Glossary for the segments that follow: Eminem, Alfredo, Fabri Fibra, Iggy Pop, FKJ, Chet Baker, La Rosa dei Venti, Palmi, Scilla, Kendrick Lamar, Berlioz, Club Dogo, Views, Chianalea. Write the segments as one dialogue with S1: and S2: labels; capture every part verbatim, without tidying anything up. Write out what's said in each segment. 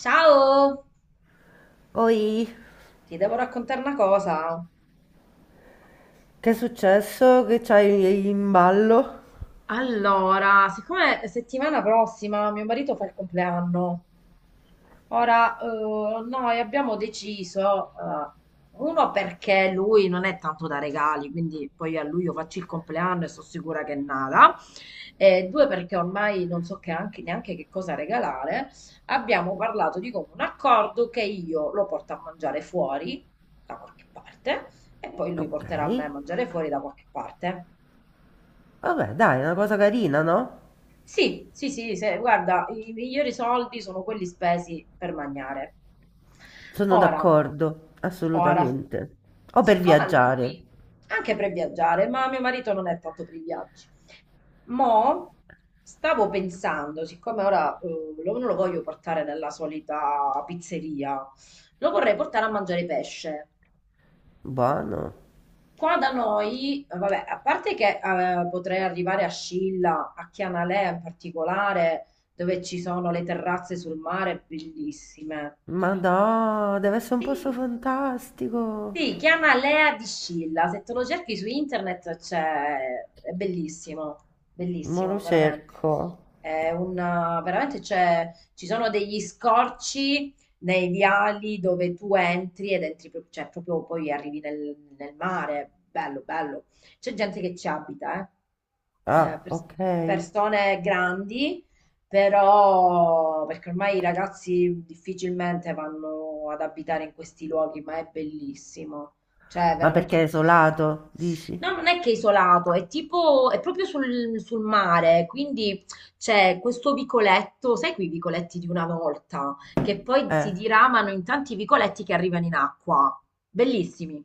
S1: Ciao,
S2: Oi,
S1: ti devo raccontare una cosa.
S2: che è successo? Che c'hai in ballo?
S1: Allora, siccome settimana prossima mio marito fa il compleanno. Ora, eh, noi abbiamo deciso, eh, uno perché lui non è tanto da regali, quindi poi a luglio faccio il compleanno e sono sicura che nada, e due perché ormai non so che anche- neanche che cosa regalare, abbiamo parlato di comune accordo che io lo porto a mangiare fuori da qualche parte e poi lui
S2: Ok,
S1: porterà me a mangiare fuori da qualche parte.
S2: vabbè, dai, è una cosa carina, no?
S1: Sì, sì, sì, se- guarda, i migliori soldi sono quelli spesi per mangiare.
S2: Sono
S1: Ora,
S2: d'accordo,
S1: ora,
S2: assolutamente. O per
S1: siccome a
S2: viaggiare.
S1: lui, anche per viaggiare, ma mio marito non è tanto per i viaggi, mo stavo pensando, siccome ora eh, lo- non lo voglio portare nella solita pizzeria, lo vorrei portare a mangiare pesce.
S2: Buono.
S1: Qua da noi, eh, vabbè, a parte che eh, potrei arrivare a Scilla, a Chianalè in particolare, dove ci sono le terrazze sul mare bellissime.
S2: Ma no, deve essere un posto
S1: Sì,
S2: fantastico.
S1: sì, chiama Lea di Scilla. Se te lo cerchi su internet c'è, è bellissimo,
S2: Mo lo
S1: bellissimo, veramente.
S2: cerco.
S1: È un, eh, veramente c'è, ci sono degli scorci nei viali dove tu entri ed entri, pro- cioè proprio poi arrivi nel, nel, mare. Bello, bello. C'è gente che ci abita, eh. Eh,
S2: Ah,
S1: pers-
S2: ok.
S1: persone grandi però, perché ormai i ragazzi difficilmente vanno ad abitare in questi luoghi, ma è bellissimo. Cioè, è
S2: Ma
S1: veramente
S2: perché
S1: un
S2: è
S1: sogno.
S2: isolato, dici?
S1: No, non è che è isolato, è tipo, è proprio sul, sul mare, quindi c'è questo vicoletto, sai quei vicoletti di una volta? Che poi si
S2: Eh,
S1: diramano in tanti vicoletti che arrivano in acqua. Bellissimi.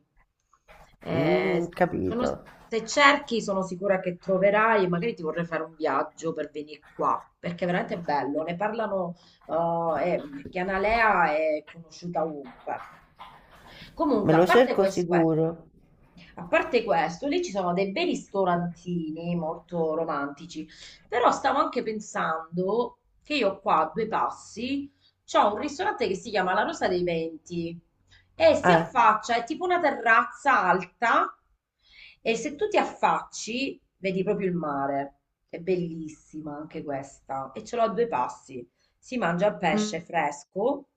S2: mm,
S1: Eh, sono-
S2: capito.
S1: se cerchi, sono sicura che troverai, e magari ti vorrei fare un viaggio per venire qua, perché è veramente bello. Ne parlano, eh, e Chianalea è conosciuta ovunque.
S2: Me
S1: Comunque, a
S2: lo
S1: parte
S2: cerco
S1: questo, eh,
S2: sicuro.
S1: a parte questo, lì ci sono dei bei ristorantini molto romantici, però stavo anche pensando che io qua a due passi c'ho un ristorante che si chiama La Rosa dei Venti e si
S2: Eh.
S1: affaccia, è tipo una terrazza alta e se tu ti affacci vedi proprio il mare. È bellissima anche questa e ce l'ho a due passi. Si mangia il pesce
S2: Mm.
S1: fresco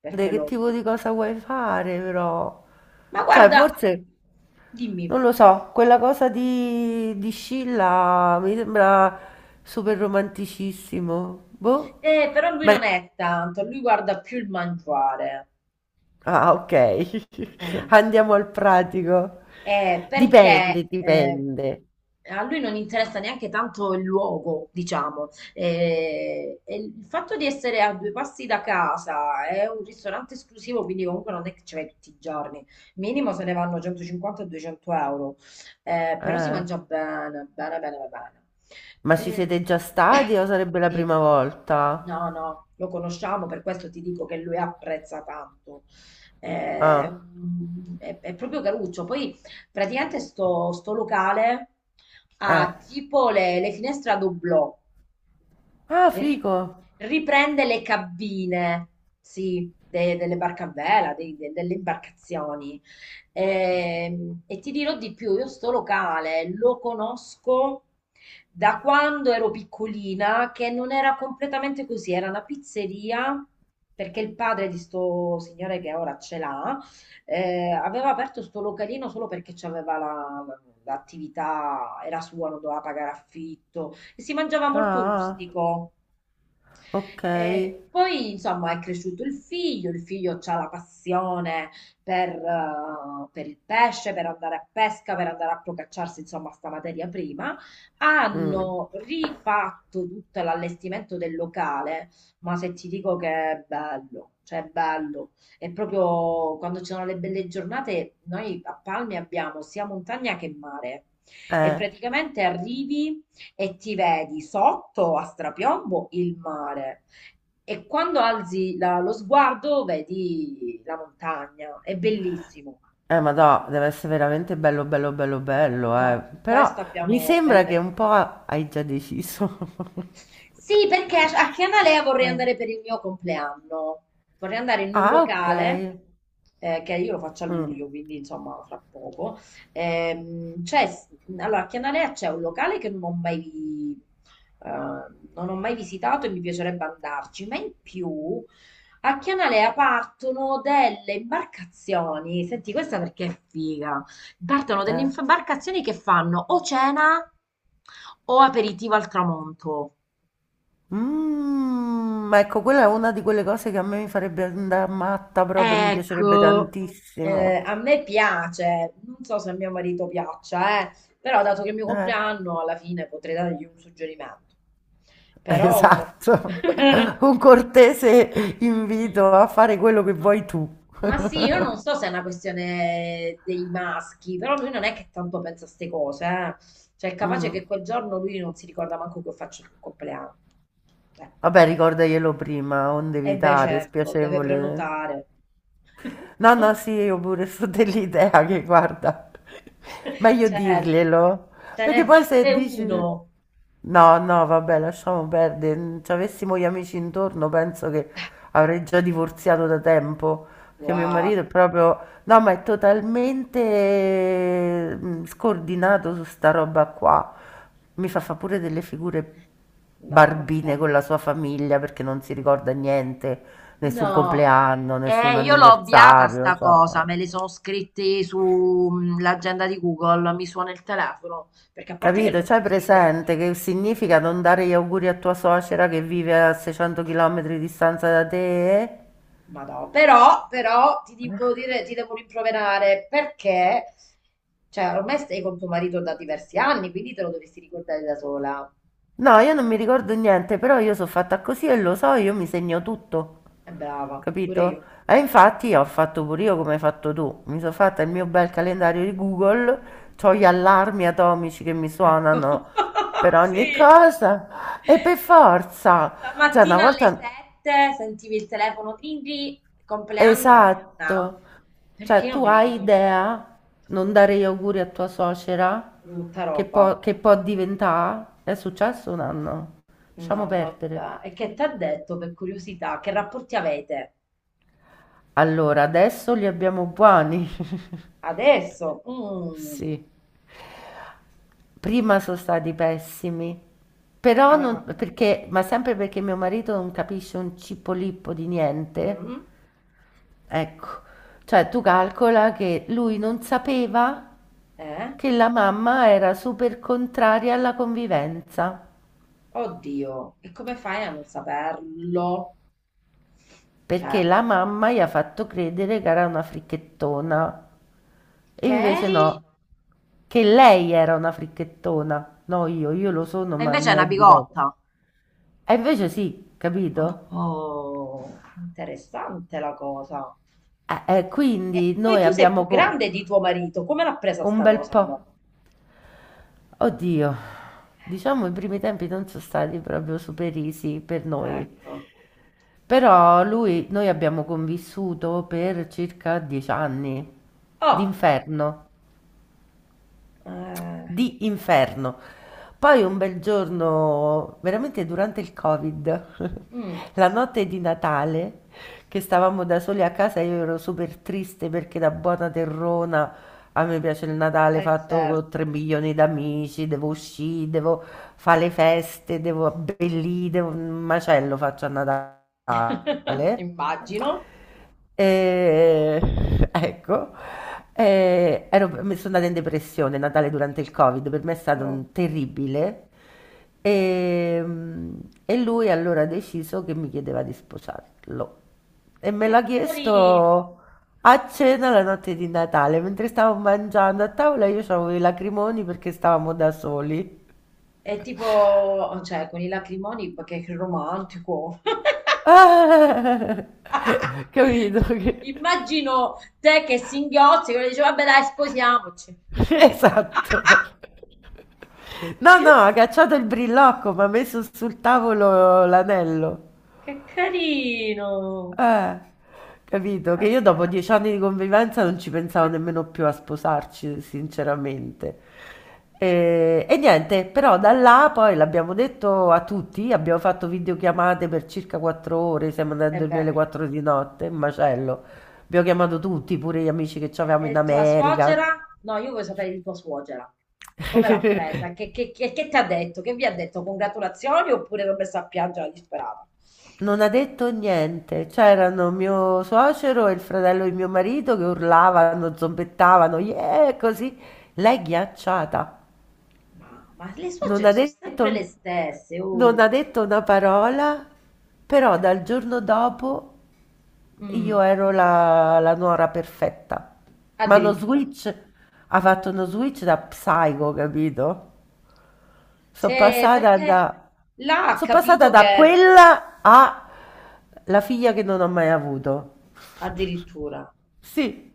S1: perché
S2: Che
S1: lo...
S2: tipo di cosa vuoi fare però?
S1: Ma
S2: Cioè,
S1: guarda,
S2: forse,
S1: dimmi.
S2: non lo so, quella cosa di, di Scilla mi sembra super romanticissimo. Boh.
S1: Eh, però lui
S2: Beh,
S1: non è tanto, lui guarda più il mangiare.
S2: ah, ok.
S1: Mm.
S2: Andiamo al pratico.
S1: Eh, perché
S2: Dipende,
S1: eh,
S2: dipende.
S1: a lui non interessa neanche tanto il luogo, diciamo. Eh, e il fatto di essere a due passi da casa è un ristorante esclusivo, quindi comunque non è che ci vai tutti i giorni. Minimo se ne vanno centocinquanta-duecento euro. Eh, però si
S2: Eh,
S1: mangia bene, bene, bene, bene, bene.
S2: Ma ci
S1: Eh,
S2: siete già stati o sarebbe la
S1: sì.
S2: prima volta?
S1: No, no, lo conosciamo, per questo ti dico che lui apprezza tanto. Eh,
S2: Ah,
S1: mm, È, è proprio caruccio. Poi praticamente sto, sto locale
S2: eh.
S1: ha tipo le, le finestre a doblò.
S2: Ah,
S1: Ri-
S2: figo.
S1: riprende le cabine, sì, de- delle barche a vela, dei- de- delle imbarcazioni. Ehm, E ti dirò di più, io sto locale lo conosco da quando ero piccolina, che non era completamente così, era una pizzeria. Perché il padre di sto signore che ora ce l'ha, eh, aveva aperto sto localino solo perché c'aveva la- la- l'attività, era sua, non doveva pagare affitto, e si mangiava molto
S2: Ah, ah,
S1: rustico.
S2: ok.
S1: E poi, insomma, è cresciuto il figlio, il figlio ha la passione per, eh, per il pesce, per andare a pesca, per andare a procacciarsi, insomma, sta materia prima.
S2: Mm,
S1: Hanno rifatto tutto l'allestimento del locale, ma se ti dico che è bello, cioè è bello. E proprio quando ci sono le belle giornate, noi a Palmi abbiamo sia montagna che mare. E
S2: eh.
S1: praticamente arrivi e ti vedi sotto a strapiombo il mare. E quando alzi la lo sguardo vedi la montagna, è bellissimo.
S2: Eh, ma no, deve essere veramente bello, bello, bello,
S1: Eh,
S2: bello, eh.
S1: no, su
S2: Però
S1: questo
S2: mi
S1: abbiamo
S2: sembra che
S1: belle.
S2: un po' hai già deciso.
S1: Sì, perché a a Chianalea vorrei
S2: Eh.
S1: andare per il mio compleanno. Vorrei andare in un
S2: Ah, ok.
S1: locale, eh, che io lo faccio a
S2: Mm,
S1: luglio, quindi insomma fra poco. Ehm, c'è- allora, a Chianalea c'è un locale che non ho mai, vi- eh, non ho mai visitato e mi piacerebbe andarci, ma in più a Chianalea partono delle imbarcazioni. Senti, questa perché è figa. Partono delle
S2: eh.
S1: imbarcazioni che fanno o cena o aperitivo al tramonto.
S2: Mm, ma ecco, quella è una di quelle cose che a me mi farebbe andare matta proprio, mi piacerebbe
S1: Ecco. Eh,
S2: tantissimo.
S1: a me piace, non so se a mio marito piaccia, eh, però dato che è il mio
S2: Eh,
S1: compleanno, alla fine potrei dargli un suggerimento. Però...
S2: esatto. Un cortese
S1: Mm.
S2: invito a fare quello che
S1: Ma,
S2: vuoi tu.
S1: ma sì, io non so se è una questione dei maschi, però lui non è che tanto pensa a ste cose, eh. Cioè è capace che
S2: Mm.
S1: quel giorno lui non si ricorda manco che io faccio il compleanno. Ecco.
S2: Vabbè, ricordaglielo prima, onde
S1: E beh,
S2: evitare,
S1: certo, deve
S2: spiacevole.
S1: prenotare.
S2: No, no, sì, io pure sto dell'idea che guarda, meglio
S1: Cioè,
S2: dirglielo,
S1: se
S2: perché
S1: ne
S2: poi se
S1: fosse
S2: dici
S1: uno,
S2: no, no, vabbè, lasciamo perdere, se avessimo gli amici intorno penso che avrei già divorziato da tempo, perché mio
S1: wow,
S2: marito è proprio, no, ma è totalmente mm, scordinato su sta roba qua, mi fa fa pure delle figure
S1: no,
S2: barbine
S1: vabbè,
S2: con la sua famiglia perché non si ricorda niente nessun
S1: no.
S2: compleanno, nessun
S1: E io l'ho ovviata
S2: anniversario,
S1: sta
S2: cioè,
S1: cosa, me li sono scritti sull'agenda di Google, mi suona il telefono, perché a parte che
S2: capito?
S1: loro
S2: C'hai
S1: sono mille mille,
S2: presente che significa non dare gli auguri a tua suocera che vive a seicento chilometri di distanza da te?
S1: ma no, però, però ti devo dire, ti devo rimproverare perché, cioè, ormai stai con tuo marito da diversi anni, quindi te lo dovresti ricordare da sola.
S2: No, io non mi ricordo niente, però io sono fatta così e lo so, io mi segno tutto,
S1: È brava, pure
S2: capito?
S1: io.
S2: E infatti ho fatto pure io come hai fatto tu, mi sono fatta il mio bel calendario di Google, ho gli allarmi atomici che mi
S1: Ecco,
S2: suonano per ogni
S1: sì.
S2: cosa e per
S1: Sta
S2: forza, cioè una
S1: stamattina alle
S2: volta...
S1: sette sentivi il telefono, "Tindri, compleanno Anna",
S2: Esatto.
S1: perché
S2: Cioè,
S1: io
S2: tu
S1: me li
S2: hai
S1: ricordo.
S2: idea, non dare gli auguri a tua suocera,
S1: Brutta
S2: che
S1: roba.
S2: può, che può diventare? È successo un anno. Lasciamo
S1: No,
S2: perdere.
S1: vabbè. E che ti ha detto per curiosità? Che rapporti avete?
S2: Allora, adesso li abbiamo buoni.
S1: Adesso? Mm.
S2: Sì. Prima sono stati pessimi. Però
S1: Ah.
S2: non, perché, ma sempre perché mio marito non capisce un cipolippo di niente.
S1: Mm.
S2: Ecco. Cioè, tu calcola che lui non sapeva
S1: Eh?
S2: che la mamma era super contraria alla convivenza,
S1: Oddio, e come fai a non saperlo? Cioè,
S2: perché la mamma gli ha fatto credere che era una fricchettona. E
S1: che
S2: invece
S1: eri?
S2: no, che lei era una fricchettona, no io, io lo sono,
S1: E
S2: ma
S1: invece è
S2: non
S1: una
S2: è diverso.
S1: bigotta.
S2: E invece sì, capito?
S1: Oh, interessante la cosa.
S2: Eh, eh, quindi
S1: E poi
S2: noi
S1: tu sei più
S2: abbiamo co-
S1: grande di tuo marito, come l'ha presa
S2: un
S1: sta
S2: bel
S1: cosa
S2: po'.
S1: allora?
S2: Oddio, diciamo i primi tempi non sono stati proprio super easy per noi.
S1: Ecco.
S2: Però lui, noi abbiamo convissuto per circa dieci anni
S1: Oh,
S2: d'inferno,
S1: eh,
S2: di inferno. Poi un bel giorno, veramente durante il Covid,
S1: mm,
S2: la notte di Natale, che stavamo da soli a casa, io ero super triste perché da buona terrona a me piace il Natale
S1: eh,
S2: fatto con tre
S1: certo.
S2: milioni d'amici, devo uscire, devo fare le feste, devo abbellire, devo... un macello faccio a Natale.
S1: Immagino.
S2: Ehm, ecco, ehm, ero mi sono andata in depressione Natale durante il Covid, per me è stato
S1: Oh,
S2: un terribile. Ehm, E, lui allora ha deciso che mi chiedeva di sposarlo. E me l'ha
S1: che carino.
S2: chiesto a cena la notte di Natale, mentre stavo mangiando a tavola, io avevo i lacrimoni perché stavamo da soli.
S1: È tipo, cioè, con i lacrimoni perché è romantico.
S2: Ah! Capito?
S1: Cioè,
S2: che-
S1: immagino te che singhiozzi, quello dice, vabbè dai, sposiamoci.
S2: Esatto. No, no, ha cacciato il brillocco, ma ha messo sul tavolo l'anello.
S1: Che carino.
S2: Eh, capito? Che io
S1: Anzi,
S2: dopo
S1: anzi,
S2: dieci anni di
S1: anzi.
S2: convivenza non ci pensavo nemmeno più a sposarci, sinceramente. E, e niente, però da là poi l'abbiamo detto a tutti, abbiamo fatto videochiamate per circa quattro ore, siamo andati a
S1: E
S2: dormire
S1: beh.
S2: alle quattro di notte, un macello. Abbiamo chiamato tutti, pure gli amici che avevamo
S1: E
S2: in
S1: tua suocera?
S2: America.
S1: No, io voglio sapere di tua suocera. Come l'ha presa? Che, che, che, che ti ha detto? Che vi ha detto? Congratulazioni oppure l'ho messa a piangere la disperata?
S2: Non ha detto niente. C'erano mio suocero e il fratello di mio marito che urlavano, zombettavano, yeah, così. Lei ghiacciata.
S1: Ma, ma le
S2: Non
S1: suocere
S2: ha
S1: sono sempre
S2: detto,
S1: le stesse,
S2: non
S1: oh.
S2: ha detto una parola, però dal giorno dopo io
S1: Mm,
S2: ero la, la nuora perfetta. Ma uno
S1: Addirittura.
S2: switch, ha fatto uno switch da psycho, capito? Sono
S1: Se,
S2: passata
S1: perché
S2: da,
S1: là ha
S2: sono passata
S1: capito
S2: da
S1: che...
S2: quella a la figlia che non ho mai avuto.
S1: Addirittura.
S2: Sì,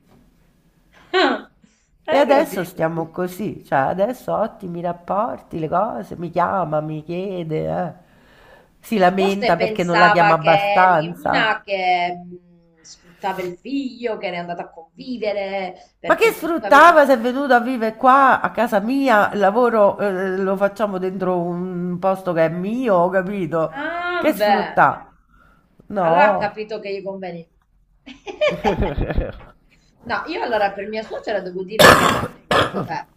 S2: e
S1: Hai
S2: adesso
S1: capito tu?
S2: stiamo così, cioè adesso ottimi rapporti, le cose, mi chiama, mi chiede, eh. Si
S1: Forse
S2: lamenta perché non la chiama
S1: pensava che eri una
S2: abbastanza.
S1: che... mm, sfruttava il figlio, che era andata a convivere,
S2: Ma
S1: perché
S2: che
S1: comunque avevi.
S2: sfruttava se è venuto a vivere qua a casa mia, il lavoro eh, lo facciamo dentro un posto che è mio, ho capito? Che
S1: Ah, beh,
S2: sfrutta?
S1: allora ha
S2: No,
S1: capito che gli conveni. No, io allora per mia suocera devo dire che, vabbè,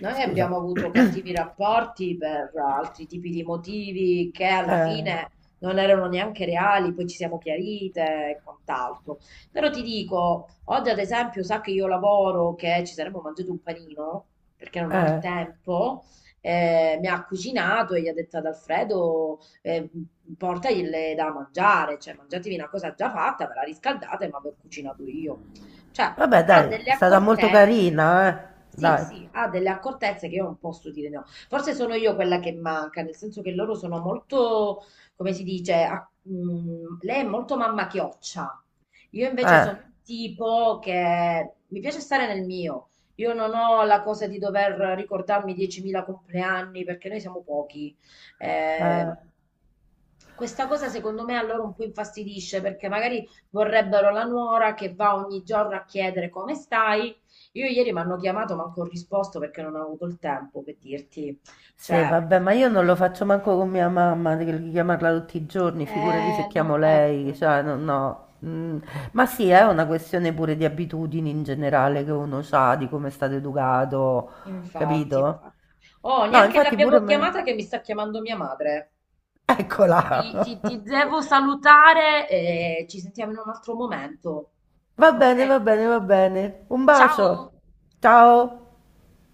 S1: noi abbiamo
S2: scusa.
S1: avuto cattivi rapporti per altri tipi di motivi che alla
S2: Eh,
S1: fine non erano neanche reali, poi ci siamo chiarite e quant'altro. Però ti dico, oggi ad esempio sa che io lavoro, che ci saremmo mangiati un panino, perché non ho il
S2: eh.
S1: tempo, eh, mi ha cucinato e gli ha detto ad Alfredo eh, portagli da mangiare, cioè mangiatevi una cosa già fatta, ve la riscaldate, ma ve l'ho cucinato io. Cioè,
S2: Vabbè,
S1: ha
S2: dai,
S1: delle
S2: è stata molto
S1: accortezze.
S2: carina, eh.
S1: Sì,
S2: Dai.
S1: sì, ha delle accortezze che io non posso dire no. Forse sono io quella che manca, nel senso che loro sono molto, come si dice, a- mm, lei è molto mamma chioccia. Io invece
S2: Eh,
S1: sono un tipo che mi piace stare nel mio. Io non ho la cosa di dover ricordarmi diecimila compleanni perché noi siamo pochi. Eh,
S2: eh.
S1: Questa cosa secondo me a loro un po' infastidisce perché magari vorrebbero la nuora che va ogni giorno a chiedere come stai. Io ieri mi hanno chiamato, ma non ho risposto perché non ho avuto il tempo per dirti.
S2: Sì,
S1: Cioè,
S2: vabbè, ma io non lo faccio manco con mia mamma, di di chiamarla tutti i giorni, figurati
S1: eh,
S2: se
S1: non-
S2: chiamo lei,
S1: ecco,
S2: cioè, no, no. Mm, ma sì, è una questione pure di abitudini in generale che uno ha, di come è stato educato,
S1: infatti,
S2: capito?
S1: infatti. Oh,
S2: No,
S1: neanche
S2: infatti pure
S1: l'abbiamo chiamata
S2: me.
S1: che mi sta chiamando mia madre.
S2: Eccola!
S1: Ti, ti- ti devo salutare e ci sentiamo in un altro momento.
S2: Va bene,
S1: Ok?
S2: va bene, va bene. Un bacio.
S1: Ciao!
S2: Ciao.